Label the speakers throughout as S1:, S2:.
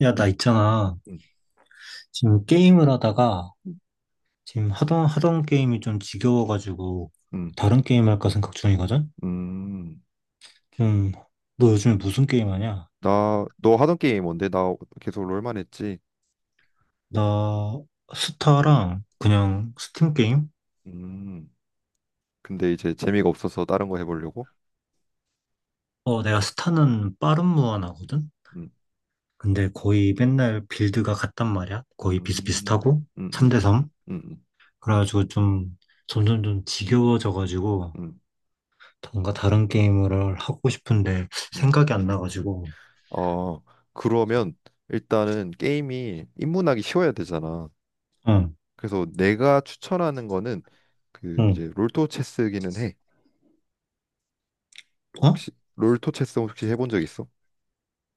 S1: 야, 나 있잖아.
S2: 음,
S1: 지금 게임을 하다가 지금 하던 게임이 좀 지겨워가지고
S2: 음,
S1: 다른 게임 할까 생각 중이거든.
S2: 음.
S1: 좀, 너 요즘에 무슨 게임 하냐?
S2: 너 하던 게임 뭔데? 나 계속 롤만 했지.
S1: 나 스타랑 그냥 스팀 게임?
S2: 음, 근데 이제 재미가 없어서 다른 거 해보려고?
S1: 어, 내가 스타는 빠른 무한하거든.
S2: 음,
S1: 근데 거의 맨날 빌드가 같단 말이야.
S2: 음,
S1: 거의
S2: 음,
S1: 비슷비슷하고
S2: 음,
S1: 3대
S2: 음,
S1: 3.
S2: 음,
S1: 그래가지고 좀, 점점 좀 지겨워져가지고
S2: 음,
S1: 뭔가 다른 게임을 하고 싶은데
S2: 음.
S1: 생각이 안 나가지고.
S2: 어, 그러면 일단은 게임이 입문하기 쉬워야 되잖아.
S1: 응,
S2: 그래서 내가 추천하는 거는 그
S1: 응.
S2: 이제 롤토 체스기는 해.
S1: 어?
S2: 혹시 롤토 체스 혹시 해본 적 있어?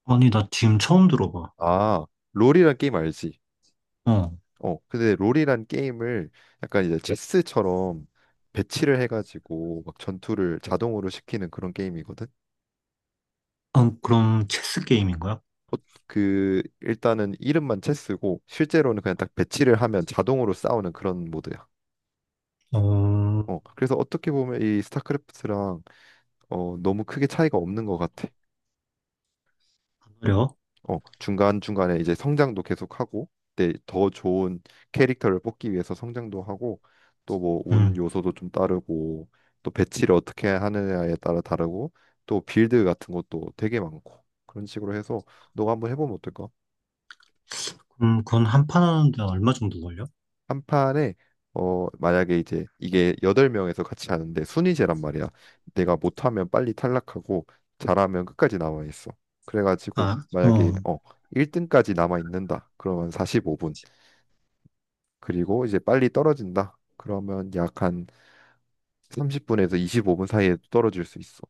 S1: 아니, 나 지금 처음 들어봐.
S2: 아, 롤이란 게임 알지?
S1: 어.
S2: 근데 롤이란 게임을 약간 이제 체스처럼 배치를 해가지고 막 전투를 자동으로 시키는 그런 게임이거든.
S1: 아, 그럼 체스 게임인 거야?
S2: 어, 그 일단은 이름만 체스고 실제로는 그냥 딱 배치를 하면 자동으로 싸우는 그런 모드야.
S1: 어,
S2: 그래서 어떻게 보면 이 스타크래프트랑 너무 크게 차이가 없는 것 같아.
S1: 그래요?
S2: 중간중간에 이제 성장도 계속하고 근데 더 좋은 캐릭터를 뽑기 위해서 성장도 하고 또 뭐 운
S1: 음.
S2: 요소도 좀 따르고 또 배치를 어떻게 하느냐에 따라 다르고 또 빌드 같은 것도 되게 많고 그런 식으로 해서 너가 한번 해보면 어떨까?
S1: 그럼 그건 한 판 하는데 얼마 정도 걸려?
S2: 한 판에 만약에 이제 이게 여덟 명에서 같이 하는데 순위제란 말이야. 내가 못하면 빨리 탈락하고 잘하면 끝까지 남아 있어. 그래가지고
S1: 아, 어.
S2: 만약에
S1: 어,
S2: 1등까지 남아 있는다. 그러면 45분. 그리고 이제 빨리 떨어진다. 그러면 약 한 30분에서 25분 사이에 떨어질 수 있어.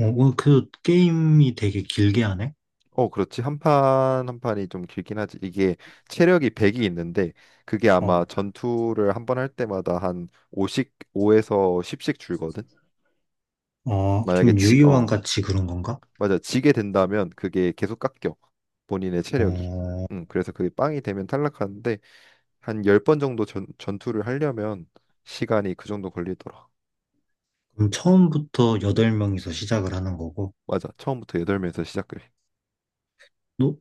S1: 어, 그 게임이 되게 길게 하네?
S2: 어, 그렇지. 한 판 한 판이 좀 길긴 하지. 이게 체력이 100이 있는데 그게
S1: 어.
S2: 아마 전투를 한번 할 때마다 한 5씩 5에서 10씩 줄거든.
S1: 어,
S2: 만약에
S1: 좀 유희왕 같이 그런 건가?
S2: 맞아. 지게 된다면 그게 계속 깎여. 본인의 체력이.
S1: 어,
S2: 그래서 그게 빵이 되면 탈락하는데 한 10번 정도 전투를 하려면 시간이 그 정도 걸리더라.
S1: 그럼 처음부터 여덟 명이서 시작을 하는 거고.
S2: 맞아. 처음부터 8명에서 시작해.
S1: 너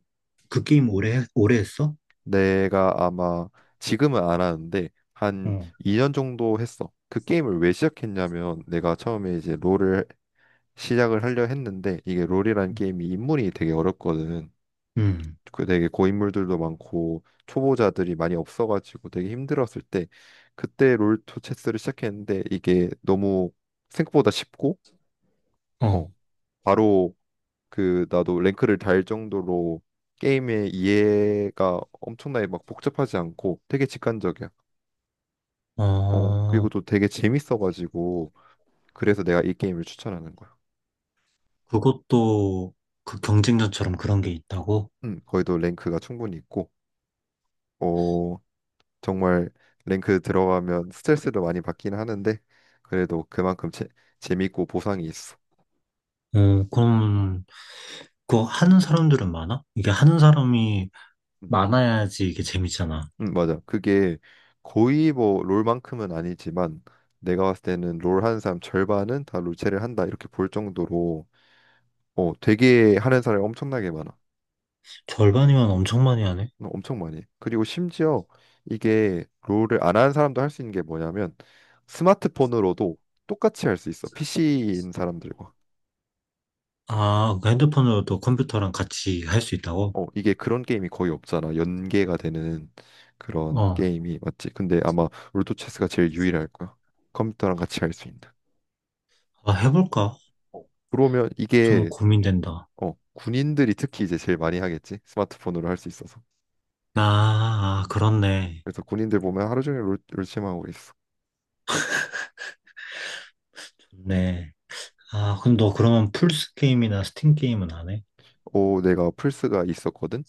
S1: 그 게임 오래 했어?
S2: 내가 아마 지금은 안 하는데 한
S1: 어.
S2: 2년 정도 했어. 그 게임을 왜 시작했냐면 내가 처음에 이제 롤을 시작을 하려 했는데 이게 롤이란 게임이 인물이 되게 어렵거든.
S1: 음.
S2: 그 되게 고인물들도 많고 초보자들이 많이 없어가지고 되게 힘들었을 때 그때 롤토체스를 시작했는데 이게 너무 생각보다 쉽고
S1: 어.
S2: 어 바로 그 나도 랭크를 달 정도로 게임의 이해가 엄청나게 막 복잡하지 않고 되게 직관적이야.
S1: 어,
S2: 그리고 또 되게 재밌어가지고 그래서 내가 이 게임을 추천하는 거야.
S1: 그것도 그 경쟁전처럼 그런 게 있다고?
S2: 거기도 랭크가 충분히 있고, 어, 정말 랭크 들어가면 스트레스도 많이 받긴 하는데 그래도 그만큼 재밌고 보상이 있어.
S1: 어, 그럼 그거 하는 사람들은 많아? 이게 하는 사람이
S2: 음,
S1: 많아야지 이게 재밌잖아.
S2: 맞아. 그게 거의 뭐 롤만큼은 아니지만 내가 봤을 때는 롤 하는 사람 절반은 다 롤체를 한다 이렇게 볼 정도로 되게 하는 사람이 엄청나게 많아.
S1: 절반이면 엄청 많이 하네?
S2: 엄청 많이. 해. 그리고 심지어 이게 롤을 안 하는 사람도 할 수 있는 게 뭐냐면 스마트폰으로도 똑같이 할 수 있어. PC인 사람들과.
S1: 아, 그 핸드폰으로도 컴퓨터랑 같이 할 수 있다고?
S2: 이게 그런 게임이 거의 없잖아. 연계가 되는 그런
S1: 어,
S2: 게임이 맞지? 근데 아마 롤토 체스가 제일 유일할 거야. 컴퓨터랑 같이 할 수 있는.
S1: 아, 해볼까?
S2: 어, 그러면
S1: 좀
S2: 이게
S1: 고민된다.
S2: 군인들이 특히 이제 제일 많이 하겠지. 스마트폰으로 할 수 있어서.
S1: 아, 아, 그렇네.
S2: 그래서 군인들 보면 하루 종일 롤, 롤 하고 있어.
S1: 좋네. 아, 그럼 너 그러면 플스 게임이나 스팀 게임은 안 해?
S2: 오, 내가 플스가 있었거든.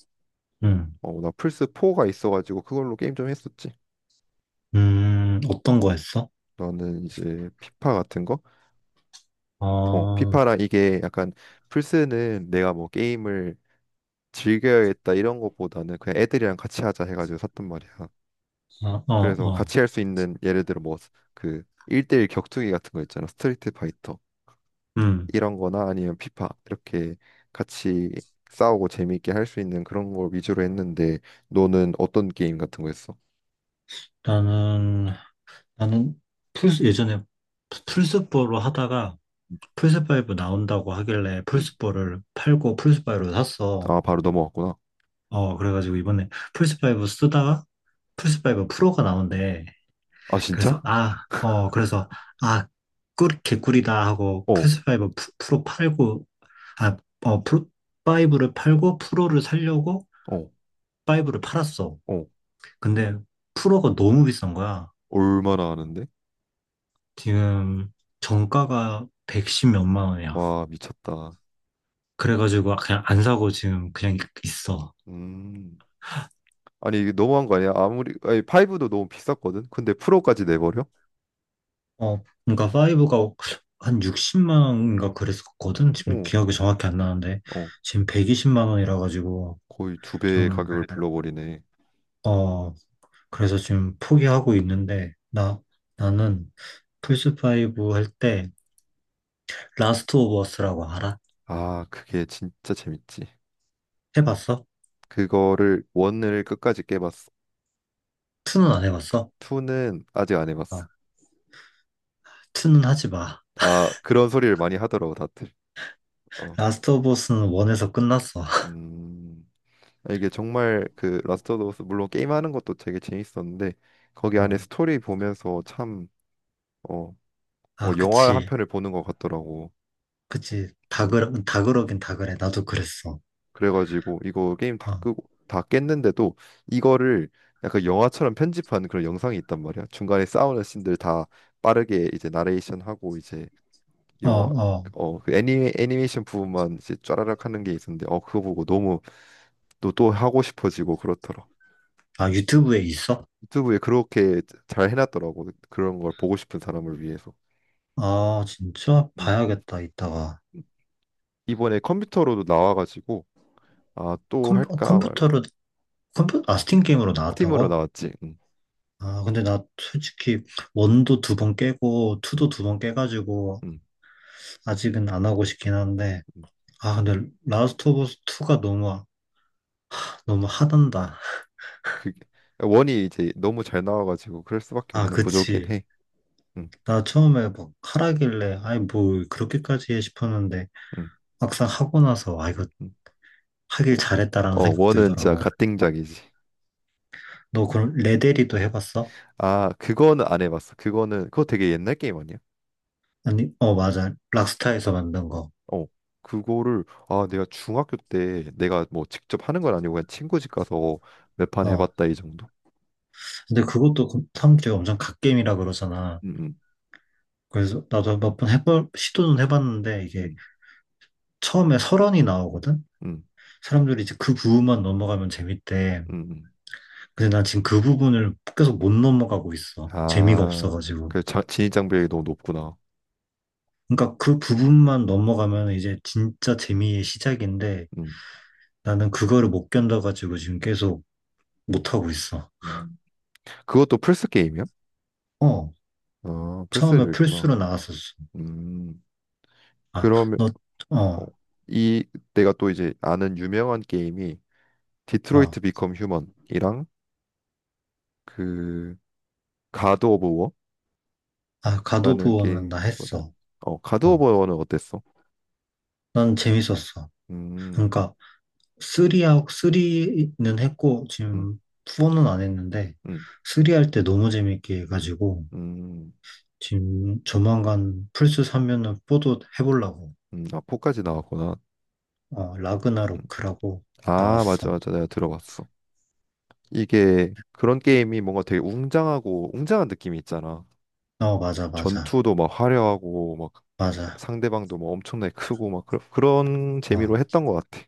S1: 응.
S2: 나 플스 4가 있어가지고 그걸로 게임 좀 했었지.
S1: 어떤 거 했어?
S2: 너는 이제 피파 같은 거?
S1: 어, 어,
S2: 피파랑 이게 약간 플스는 내가 뭐 게임을 즐겨야겠다 이런 것보다는 그냥 애들이랑 같이 하자 해가지고 샀단 말이야.
S1: 어,
S2: 그래서
S1: 어.
S2: 같이 할 수 있는 예를 들어 뭐 그 1대1 격투기 같은 거 있잖아. 스트리트 파이터
S1: 음,
S2: 이런 거나 아니면 피파 이렇게 같이 싸우고 재미있게 할 수 있는 그런 걸 위주로 했는데 너는 어떤 게임 같은 거 했어?
S1: 나는, 나는 플스 예전에 플스포로 하다가 플스5 나온다고 하길래
S2: 응?
S1: 플스4를 팔고 플스5로 샀어.
S2: 아, 바로 넘어갔구나.
S1: 어, 그래가지고 이번에 플스5 쓰다가 플스5 프로가 나온대.
S2: 아,
S1: 그래서,
S2: 진짜?
S1: 아, 어, 그래서, 아, 꿀, 개꿀이다 하고
S2: 어.
S1: 플스5 프로 팔고, 아, 어, 프로, 5를 팔고 프로를 살려고
S2: 어.
S1: 파이브를 팔았어.
S2: 어,
S1: 근데 프로가 너무 비싼 거야.
S2: 얼마나 하는데?
S1: 지금 정가가 110 몇만 원이야.
S2: 와, 미쳤다.
S1: 그래가지고 그냥 안 사고 지금 그냥 있어.
S2: 음. 아니, 이게 너무한 거 아니야? 아무리, 아니, 5도 너무 비쌌거든? 근데 프로까지 내버려?
S1: 어, 그러니까 5가 한 60만 원인가 그랬었거든. 지금
S2: 어,
S1: 기억이 정확히 안 나는데
S2: 어,
S1: 지금 120만 원이라 가지고
S2: 거의 두 배의
S1: 좀,
S2: 가격을 불러버리네.
S1: 어, 그래서 지금 포기하고 있는데 나 나는 플스 5 할 때 라스트 오브 어스라고 알아?
S2: 아, 그게 진짜 재밌지.
S1: 해봤어?
S2: 원을 끝까지 깨봤어.
S1: 2는 안 해봤어?
S2: 투는 아직 안 해봤어.
S1: 아, 2는 하지 마.
S2: 아, 그런 소리를 많이 하더라고, 다들. 어,
S1: 라스트 오브 어스는 1에서 끝났어.
S2: 음. 아, 이게 정말 그, 라스트 오브 어스, 물론 게임하는 것도 되게 재밌었는데, 거기 안에
S1: 어,
S2: 스토리 보면서 참, 어,
S1: 아,
S2: 뭐 영화 한
S1: 그치.
S2: 편을 보는 것 같더라고.
S1: 그치.
S2: 음.
S1: 다 그러긴 다 그래. 나도 그랬어.
S2: 그래가지고 이거 게임 다
S1: 어,
S2: 끄고 다 깼는데도 이거를 약간 영화처럼 편집한 그런 영상이 있단 말이야. 중간에 싸우는 씬들 다 빠르게 이제 나레이션 하고 이제
S1: 어,
S2: 영화
S1: 어.
S2: 어그 애니 애니메이션 부분만 이제 쫘라락 하는 게 있었는데 그거 보고 너무 또 또 하고 싶어지고 그렇더라.
S1: 아, 유튜브에 있어?
S2: 유튜브에 그렇게 잘 해놨더라고. 그런 걸 보고 싶은 사람을 위해서.
S1: 아, 진짜?
S2: 음.
S1: 봐야겠다, 이따가.
S2: 이번에 컴퓨터로도 나와가지고 아 또
S1: 컴, 어,
S2: 할까 말까
S1: 컴퓨터로, 컴퓨, 아, 스팀 게임으로
S2: 스팀으로
S1: 나왔다고?
S2: 나왔지. 음.
S1: 아, 근데 나 솔직히 원도 두 번 깨고, 투도
S2: 음,
S1: 두 번 깨가지고,
S2: 음,
S1: 아직은 안 하고 싶긴 한데,
S2: 음.
S1: 아, 근데 라스트 오브 스 2가 너무, 너무 하단다.
S2: 그 원이 이제 너무 잘 나와가지고 그럴 수밖에
S1: 아,
S2: 없는 구조긴
S1: 그치.
S2: 해. 음,
S1: 나 처음에 막 하라길래, 아이, 뭐, 그렇게까지 해 싶었는데,
S2: 음,
S1: 막상 하고 나서, 아, 이거
S2: 음.
S1: 하길
S2: 뭐.
S1: 잘했다라는 생각
S2: 원은 진짜
S1: 들더라고.
S2: 갓띵작이지.
S1: 너 그럼 레데리도 해봤어?
S2: 아, 그거는 안 해봤어. 그거는 그거 되게 옛날 게임 아니야?
S1: 아니, 어, 맞아. 락스타에서 만든 거.
S2: 어, 그거를 아 내가 중학교 때 내가 뭐 직접 하는 건 아니고 그냥 친구 집 가서 몇 판
S1: 어.
S2: 해봤다 이 정도.
S1: 근데 그것도 그 사람들이 엄청 갓겜이라 그러잖아.
S2: 음, 음,
S1: 그래서 나도 몇 번 시도는 해봤는데 이게
S2: 음,
S1: 처음에 설원이 나오거든?
S2: 음,
S1: 사람들이 이제 그 부분만 넘어가면 재밌대.
S2: 음. 음.
S1: 근데 난 지금 그 부분을 계속 못 넘어가고 있어. 재미가
S2: 아,
S1: 없어가지고.
S2: 그 진입 장벽이 너무 높구나.
S1: 그러니까 그 부분만 넘어가면 이제 진짜 재미의 시작인데
S2: 음,
S1: 나는 그거를 못 견뎌가지고 지금 계속 못하고 있어.
S2: 음. 그것도 플스 게임이야?
S1: 어,
S2: 아,
S1: 처음에
S2: 플스에도 있구나.
S1: 플스로 나왔었어.
S2: 음.
S1: 아,
S2: 그러면
S1: 너,
S2: 어,
S1: 어,
S2: 이 내가 또 이제 아는 유명한 게임이
S1: 어.
S2: 디트로이트 비컴 휴먼이랑 그 가드 오브
S1: 아,
S2: 워라는
S1: 가도부어는나
S2: 게임이거든.
S1: 했어.
S2: 가드
S1: 어.
S2: 오브 워는 어땠어?
S1: 난 재밌었어.
S2: 음,
S1: 그러니까 3하고 리는 했고
S2: 음,
S1: 지금 4는 안 했는데
S2: 음,
S1: 3 할 때 너무 재밌게 해가지고
S2: 음,
S1: 지금 조만간 플스 사면은 4도 해보려고.
S2: 아, 4까지 나왔구나.
S1: 어,
S2: 음.
S1: 라그나로크라고
S2: 아, 맞아,
S1: 나왔어.
S2: 맞아. 내가 들어봤어. 이게 그런 게임이 뭔가 되게 웅장하고 웅장한 느낌이 있잖아.
S1: 어, 맞아, 맞아,
S2: 전투도 막 화려하고 막
S1: 맞아.
S2: 상대방도 막 엄청나게 크고 막 그런
S1: 어,
S2: 재미로 했던 것 같아.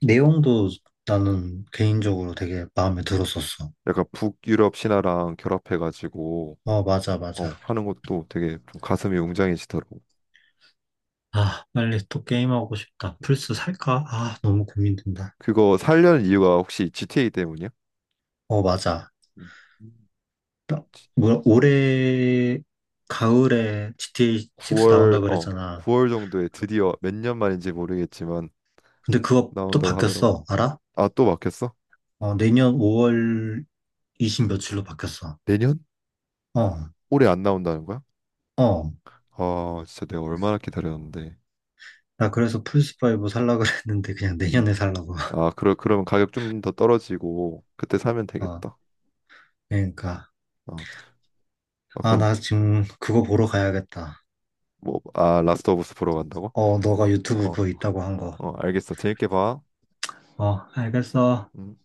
S1: 내용도 나는 개인적으로 되게 마음에 들었었어.
S2: 약간 북유럽 신화랑 결합해가지고
S1: 어, 맞아, 맞아.
S2: 하는 것도 되게 좀 가슴이 웅장해지더라고.
S1: 아, 빨리 또 게임하고 싶다. 플스 살까? 아, 너무 고민된다.
S2: 그거 살려는 이유가 혹시 GTA 때문이야?
S1: 어, 맞아.
S2: 음.
S1: 나- 뭐 올해 가을에 GTA 6
S2: 9월
S1: 나온다
S2: 어
S1: 그랬잖아.
S2: 9월 정도에 드디어 몇 년 만인지 모르겠지만
S1: 근데 그거 또
S2: 나온다고 하더라고.
S1: 바뀌었어. 알아?
S2: 아 또 막혔어?
S1: 어, 내년 5월 20 며칠로 바뀌었어.
S2: 내년?
S1: 어,
S2: 올해 안 나온다는 거야?
S1: 어.
S2: 아 진짜 내가 얼마나 기다렸는데.
S1: 나 그래서 플스5 살라 그랬는데 그냥
S2: 음.
S1: 내년에 살라고.
S2: 아 그러면 가격 좀 더 떨어지고 그때 사면
S1: 어,
S2: 되겠다.
S1: 그러니까.
S2: 어. 아 아,
S1: 아,
S2: 그럼
S1: 나 지금 그거 보러 가야겠다.
S2: 뭐 아 라스트 오브 스 보러 간다고?
S1: 어, 너가 유튜브
S2: 어
S1: 그거 있다고 한 거.
S2: 어 알겠어. 재밌게 봐.
S1: 어, 알겠어.
S2: 음.